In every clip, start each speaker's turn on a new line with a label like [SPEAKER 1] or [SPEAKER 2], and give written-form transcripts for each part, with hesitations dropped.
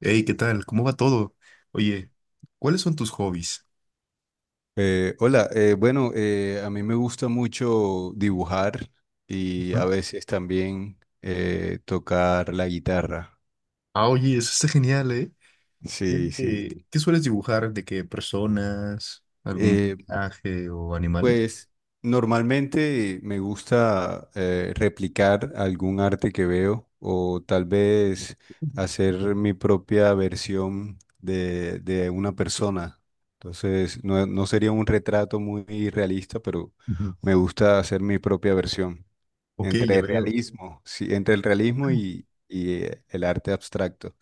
[SPEAKER 1] Hey, ¿qué tal? ¿Cómo va todo? Oye, ¿cuáles son tus hobbies?
[SPEAKER 2] Hola, bueno, a mí me gusta mucho dibujar y a
[SPEAKER 1] Ujú.
[SPEAKER 2] veces también tocar la guitarra.
[SPEAKER 1] Ah, oye, eso está genial, ¿eh? ¿Qué,
[SPEAKER 2] Sí, sí.
[SPEAKER 1] qué sueles dibujar? ¿De qué personas? ¿Algún
[SPEAKER 2] Eh,
[SPEAKER 1] paisaje o animales?
[SPEAKER 2] pues normalmente me gusta replicar algún arte que veo o tal vez hacer mi propia versión de una persona. Entonces, no, no sería un retrato muy realista, pero
[SPEAKER 1] Ujú.
[SPEAKER 2] me gusta hacer mi propia versión.
[SPEAKER 1] Ok, ya
[SPEAKER 2] Entre
[SPEAKER 1] veo.
[SPEAKER 2] realismo, sí, entre el realismo y el arte abstracto.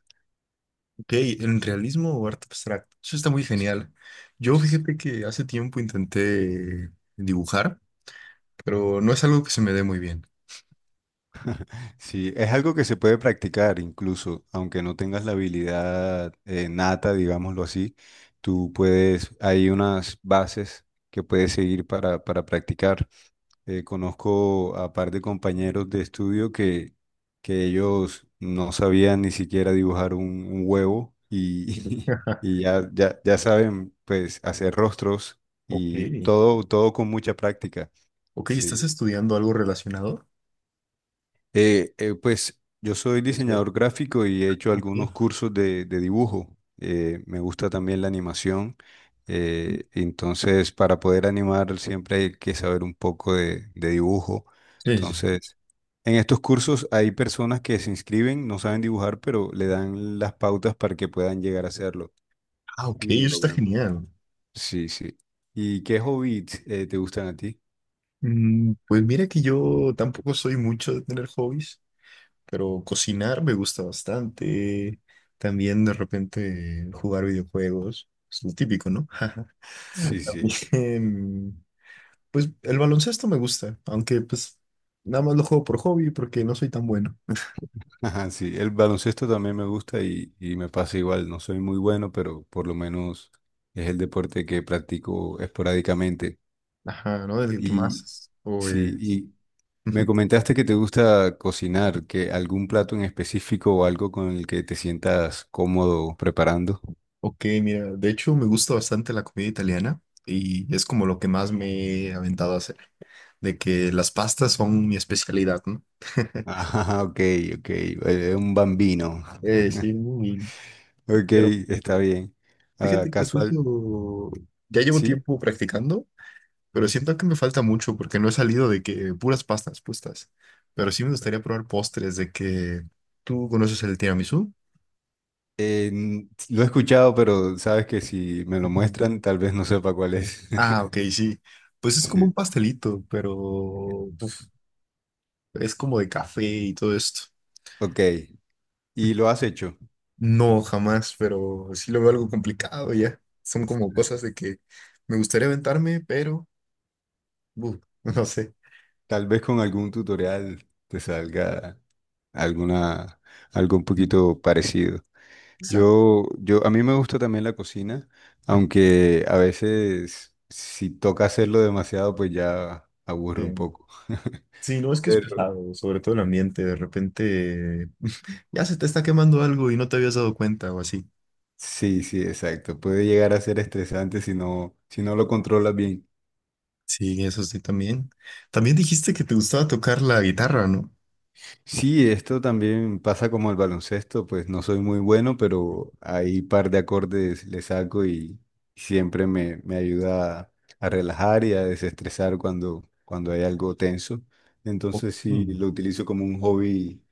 [SPEAKER 1] Ok, ¿en realismo o arte abstracto? Eso está muy
[SPEAKER 2] Sí,
[SPEAKER 1] genial. Yo
[SPEAKER 2] sí,
[SPEAKER 1] fíjate que hace tiempo intenté dibujar, pero no es algo que se me dé muy bien.
[SPEAKER 2] sí, es algo que se puede practicar incluso, aunque no tengas la habilidad nata, digámoslo así, tú puedes, hay unas bases que puedes seguir para practicar. Conozco a par de compañeros de estudio que ellos no sabían ni siquiera dibujar un huevo y, y ya saben pues hacer rostros
[SPEAKER 1] Ok.
[SPEAKER 2] y todo con mucha práctica.
[SPEAKER 1] Ok,
[SPEAKER 2] Sí.
[SPEAKER 1] ¿estás estudiando algo relacionado?
[SPEAKER 2] Pues yo soy
[SPEAKER 1] Es cierto.
[SPEAKER 2] diseñador gráfico y he hecho
[SPEAKER 1] Ok.
[SPEAKER 2] algunos
[SPEAKER 1] Sí.
[SPEAKER 2] cursos de dibujo. Me gusta también la animación. Entonces, para poder animar siempre hay que saber un poco de dibujo.
[SPEAKER 1] Sí. Sí.
[SPEAKER 2] Entonces, en estos cursos hay personas que se inscriben, no saben dibujar, pero le dan las pautas para que puedan llegar a hacerlo.
[SPEAKER 1] Ah, ok,
[SPEAKER 2] Y lo
[SPEAKER 1] eso está
[SPEAKER 2] logran.
[SPEAKER 1] genial.
[SPEAKER 2] Sí, sí. ¿Y qué hobbies te gustan a ti?
[SPEAKER 1] Pues mira que yo tampoco soy mucho de tener hobbies, pero cocinar me gusta bastante. También de repente jugar videojuegos, es lo típico, ¿no?
[SPEAKER 2] Sí, sí.
[SPEAKER 1] Em, Pues el baloncesto me gusta, aunque pues nada más lo juego por hobby porque no soy tan bueno.
[SPEAKER 2] Ajá, sí, el baloncesto también me gusta y me pasa igual, no soy muy bueno, pero por lo menos es el deporte que practico esporádicamente.
[SPEAKER 1] Ajá, ¿no? El que más
[SPEAKER 2] Y
[SPEAKER 1] es.
[SPEAKER 2] sí,
[SPEAKER 1] Ujú.
[SPEAKER 2] y me comentaste que te gusta cocinar, que algún plato en específico o algo con el que te sientas cómodo preparando.
[SPEAKER 1] Ok, mira, de hecho me gusta bastante la comida italiana y es como lo que más me he aventado a hacer, de que las pastas son mi especialidad, ¿no?
[SPEAKER 2] Ajá, ok, ok, un bambino.
[SPEAKER 1] Eh, sí, muy-
[SPEAKER 2] Ok,
[SPEAKER 1] pero
[SPEAKER 2] está bien. Ah,
[SPEAKER 1] fíjate que hasta
[SPEAKER 2] casual,
[SPEAKER 1] eso ya llevo
[SPEAKER 2] sí.
[SPEAKER 1] tiempo practicando, pero siento que me falta mucho porque no he salido de que puras pastas puestas. Pero sí me gustaría probar postres de que tú conoces el tiramisú.
[SPEAKER 2] Lo he escuchado, pero sabes que si me lo
[SPEAKER 1] Ujú.
[SPEAKER 2] muestran, tal vez no sepa cuál es.
[SPEAKER 1] Ah, ok, sí. Pues es como un
[SPEAKER 2] Sí,
[SPEAKER 1] pastelito, pero uf, es como de café y todo esto.
[SPEAKER 2] ok. ¿Y lo has hecho?
[SPEAKER 1] No, jamás, pero sí lo veo algo complicado ya. Son como cosas de que me gustaría aventarme, pero uf, no sé.
[SPEAKER 2] Tal vez con algún tutorial te salga alguna, algo un
[SPEAKER 1] Ujú.
[SPEAKER 2] poquito parecido.
[SPEAKER 1] Exacto.
[SPEAKER 2] A mí me gusta también la cocina, aunque a veces si toca hacerlo demasiado, pues ya aburre un poco.
[SPEAKER 1] Sí, no, es que es
[SPEAKER 2] Pero
[SPEAKER 1] pesado, sobre todo el ambiente, de repente ya se te está quemando algo y no te habías dado cuenta o así.
[SPEAKER 2] sí, sí, exacto. Puede llegar a ser estresante si no, si no lo controlas bien.
[SPEAKER 1] Sí, eso sí, también. También dijiste que te gustaba tocar la guitarra, ¿no?
[SPEAKER 2] Sí, esto también pasa como el baloncesto, pues no soy muy bueno, pero ahí par de acordes le saco y siempre me ayuda a relajar y a desestresar cuando, cuando hay algo tenso.
[SPEAKER 1] Oh,
[SPEAKER 2] Entonces sí,
[SPEAKER 1] mm,
[SPEAKER 2] lo utilizo como un hobby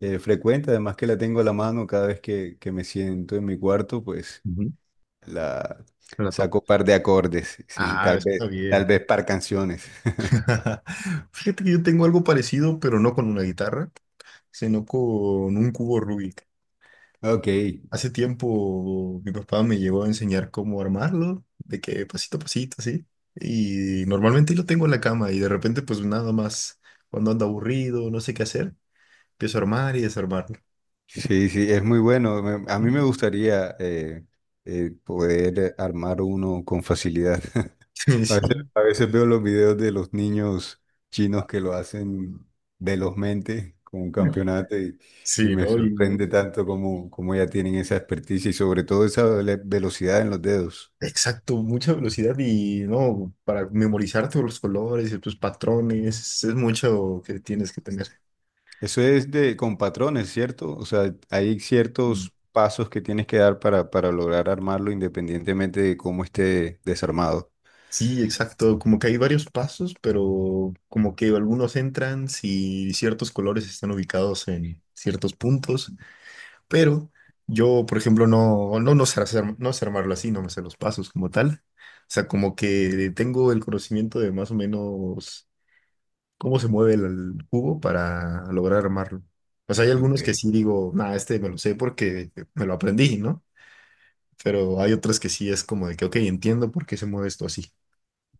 [SPEAKER 2] frecuente, además que la tengo a la mano cada vez que me siento en mi cuarto, pues
[SPEAKER 1] ujú,
[SPEAKER 2] la
[SPEAKER 1] la toco.
[SPEAKER 2] saco par de acordes, sí,
[SPEAKER 1] Ah, eso está bien.
[SPEAKER 2] tal vez par canciones.
[SPEAKER 1] Fíjate que yo tengo algo parecido, pero no con una guitarra, sino con un cubo Rubik.
[SPEAKER 2] Ok.
[SPEAKER 1] Hace tiempo mi papá me llegó a enseñar cómo armarlo, de que pasito a pasito, así. Y normalmente lo tengo en la cama y de repente pues nada más, cuando ando aburrido, no sé qué hacer, empiezo a armar y desarmarlo.
[SPEAKER 2] Sí, sí, es muy bueno. A mí me gustaría poder armar uno con facilidad.
[SPEAKER 1] Sí,
[SPEAKER 2] A veces veo los videos de los niños chinos que lo hacen velozmente con un campeonato y
[SPEAKER 1] sí,
[SPEAKER 2] me
[SPEAKER 1] ¿no? Y
[SPEAKER 2] sorprende tanto como como ya tienen esa experticia y sobre todo esa velocidad en los dedos.
[SPEAKER 1] exacto, mucha velocidad y no, para memorizar todos los colores y tus patrones, es mucho que tienes que tener.
[SPEAKER 2] Eso es de con patrones, ¿cierto? O sea, hay ciertos pasos que tienes que dar para lograr armarlo independientemente de cómo esté desarmado.
[SPEAKER 1] Sí, exacto. Como que hay varios pasos, pero como que algunos entran si ciertos colores están ubicados en ciertos puntos. Pero yo, por ejemplo, no sé hacer, no sé armarlo así, no me sé los pasos como tal. O sea, como que tengo el conocimiento de más o menos cómo se mueve el cubo para lograr armarlo. O sea, hay algunos que
[SPEAKER 2] Ok.
[SPEAKER 1] sí digo, nada, este me lo sé porque me lo aprendí, ¿no? Pero hay otros que sí es como de que, ok, entiendo por qué se mueve esto así.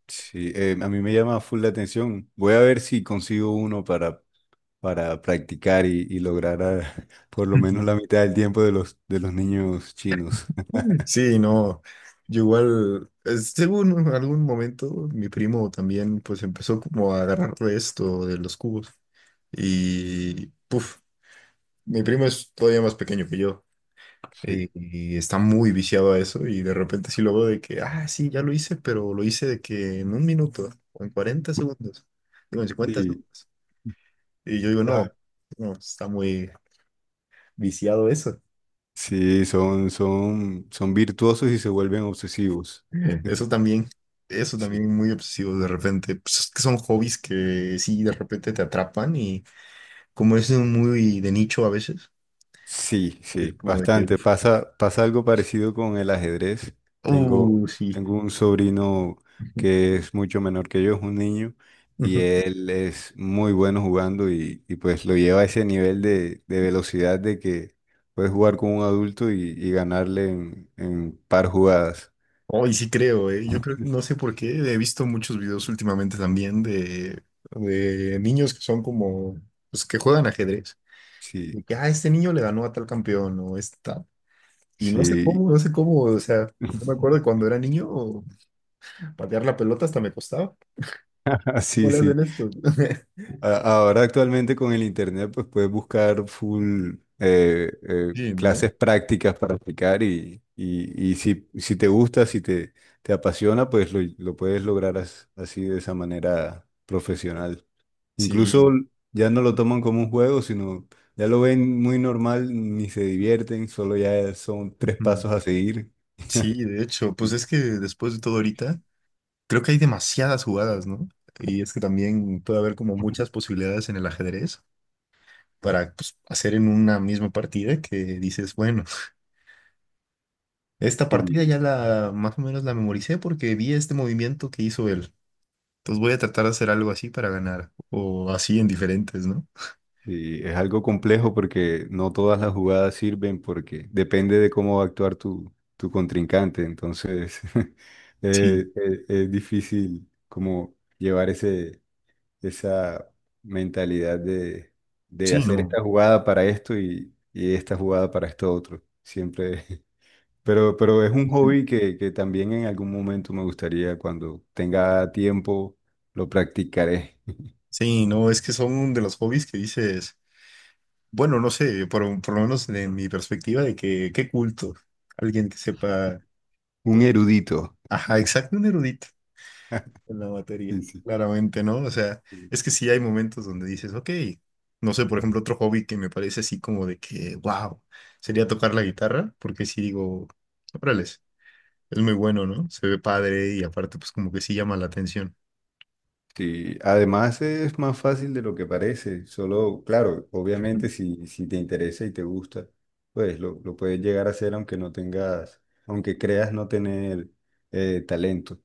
[SPEAKER 2] Sí, a mí me llama full la atención. Voy a ver si consigo uno para practicar y, por lo menos la mitad del tiempo de de los niños chinos.
[SPEAKER 1] Sí, no, yo igual, es- según en algún momento, mi primo también pues empezó como a agarrar de esto, de los cubos, y puf, mi primo es todavía más pequeño que yo,
[SPEAKER 2] Sí,
[SPEAKER 1] y está muy viciado a eso, y de repente sí lo veo de que, ah, sí, ya lo hice, pero lo hice de que en un minuto, o en 40 segundos, digo, en cincuenta
[SPEAKER 2] sí,
[SPEAKER 1] segundos, y yo digo, no,
[SPEAKER 2] ah,
[SPEAKER 1] no, está muy viciado eso.
[SPEAKER 2] sí, son virtuosos y se vuelven obsesivos.
[SPEAKER 1] Eso también, eso
[SPEAKER 2] Sí.
[SPEAKER 1] también muy obsesivo de repente. Pues es que son hobbies que sí, de repente te atrapan y como es un muy de nicho a veces,
[SPEAKER 2] Sí,
[SPEAKER 1] es
[SPEAKER 2] sí,
[SPEAKER 1] como de que,
[SPEAKER 2] bastante. Pasa, pasa algo parecido con el ajedrez. Tengo,
[SPEAKER 1] sí.
[SPEAKER 2] Tengo un sobrino que es mucho menor que yo, es un niño, y
[SPEAKER 1] Ujú.
[SPEAKER 2] él es muy bueno jugando y pues lo lleva a ese nivel de velocidad de que puedes jugar con un adulto y ganarle en par jugadas.
[SPEAKER 1] Oh, y sí creo, eh. Yo creo, no sé por qué, he visto muchos videos últimamente también de niños que son como, pues que juegan ajedrez. De
[SPEAKER 2] Sí,
[SPEAKER 1] que, ah, este niño le ganó a tal campeón o esta. Y no sé
[SPEAKER 2] sí.
[SPEAKER 1] cómo, no sé cómo, o sea, yo me acuerdo de cuando era niño, patear la pelota hasta me costaba.
[SPEAKER 2] Así,
[SPEAKER 1] ¿Cómo es
[SPEAKER 2] sí.
[SPEAKER 1] en esto?
[SPEAKER 2] Ahora actualmente con el internet pues puedes buscar full
[SPEAKER 1] Sí, ¿no?
[SPEAKER 2] clases prácticas para aplicar y si, si te gusta, si te, te apasiona, pues lo puedes lograr así de esa manera profesional. Incluso
[SPEAKER 1] Sí.
[SPEAKER 2] ya no lo toman como un juego, sino ya lo ven muy normal, ni se divierten, solo ya son tres
[SPEAKER 1] Ujú.
[SPEAKER 2] pasos a seguir.
[SPEAKER 1] Sí, de hecho, pues es que después de todo ahorita, creo que hay demasiadas jugadas, ¿no? Y es que también puede haber como muchas posibilidades en el ajedrez para pues, hacer en una misma partida que dices, bueno, esta partida ya la más o menos la memoricé porque vi este movimiento que hizo él. Entonces voy a tratar de hacer algo así para ganar o así en diferentes, ¿no?
[SPEAKER 2] Sí, es algo complejo porque no todas las jugadas sirven porque depende de cómo va a actuar tu contrincante. Entonces,
[SPEAKER 1] Sí,
[SPEAKER 2] es difícil como llevar esa mentalidad de
[SPEAKER 1] sí,
[SPEAKER 2] hacer
[SPEAKER 1] no.
[SPEAKER 2] esta jugada para esto y esta jugada para esto otro. Siempre. Pero es un
[SPEAKER 1] Ujú.
[SPEAKER 2] hobby que también en algún momento me gustaría, cuando tenga tiempo, lo practicaré.
[SPEAKER 1] Sí, no, es que son de los hobbies que dices. Bueno, no sé, por lo menos en mi perspectiva de que, qué culto, alguien que sepa,
[SPEAKER 2] Un erudito.
[SPEAKER 1] ajá, exacto, un erudito en la materia,
[SPEAKER 2] Sí, sí.
[SPEAKER 1] claramente, ¿no? O sea, es que sí hay momentos donde dices, ok, no sé, por ejemplo, otro hobby que me parece así como de que, wow, sería tocar la guitarra, porque sí digo, órale, es muy bueno, ¿no? Se ve padre y aparte, pues como que sí llama la atención.
[SPEAKER 2] Sí, además es más fácil de lo que parece, solo, claro,
[SPEAKER 1] Ujú.
[SPEAKER 2] obviamente si, si te interesa y te gusta, pues lo puedes llegar a hacer aunque no tengas, aunque creas no tener talento.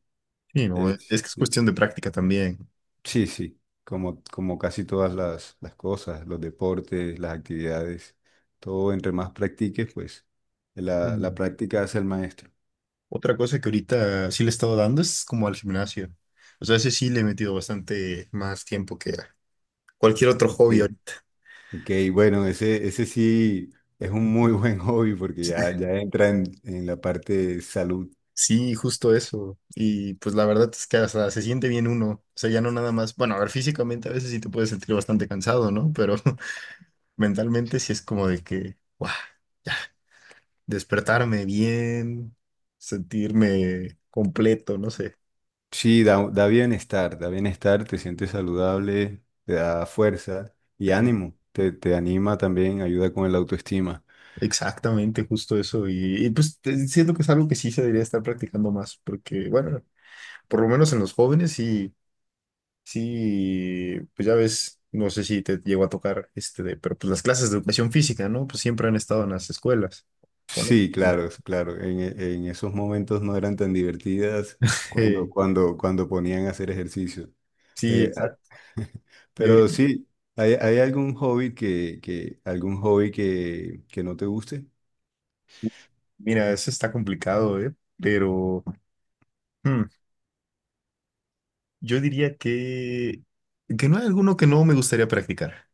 [SPEAKER 1] Sí, no, es
[SPEAKER 2] Es-
[SPEAKER 1] que es cuestión de práctica también.
[SPEAKER 2] sí, sí, como, como casi todas las cosas, los deportes, las actividades, todo entre más practiques, pues la
[SPEAKER 1] Sí.
[SPEAKER 2] práctica hace el maestro.
[SPEAKER 1] Otra cosa que ahorita sí le he estado dando es como al gimnasio. O sea, ese sí le he metido bastante más tiempo que a cualquier otro
[SPEAKER 2] Ok.
[SPEAKER 1] hobby ahorita.
[SPEAKER 2] Ok, bueno, ese sí es un muy buen hobby porque ya entra en la parte de salud.
[SPEAKER 1] Sí, justo eso. Y pues la verdad es que hasta se siente bien uno. O sea, ya no nada más. Bueno, a ver, físicamente a veces sí te puedes sentir bastante cansado, ¿no? Pero mentalmente
[SPEAKER 2] Sí,
[SPEAKER 1] sí es como de que, ¡guau! Ya, despertarme bien, sentirme completo, no sé.
[SPEAKER 2] sí, da, da bienestar, te sientes saludable, te da fuerza y
[SPEAKER 1] Eh,
[SPEAKER 2] ánimo, te anima también, ayuda con el autoestima.
[SPEAKER 1] Exactamente, justo eso. Y pues te- siento que es algo que sí se debería estar practicando más, porque bueno, por lo menos en los jóvenes sí, sí, pues ya ves, no sé si te llegó a tocar este de, pero pues las clases de educación física, ¿no? Pues siempre han estado en las escuelas. Bueno,
[SPEAKER 2] Sí, claro, es claro. En esos momentos no eran tan divertidas
[SPEAKER 1] eh,
[SPEAKER 2] cuando ponían a hacer ejercicio.
[SPEAKER 1] sí,
[SPEAKER 2] Eh,
[SPEAKER 1] exacto.
[SPEAKER 2] a-
[SPEAKER 1] Y
[SPEAKER 2] pero
[SPEAKER 1] ahorita,
[SPEAKER 2] sí, ¿hay, hay algún hobby algún hobby que no te guste?
[SPEAKER 1] mira, eso está complicado, ¿eh? Pero hmm, yo diría que no hay alguno que no me gustaría practicar.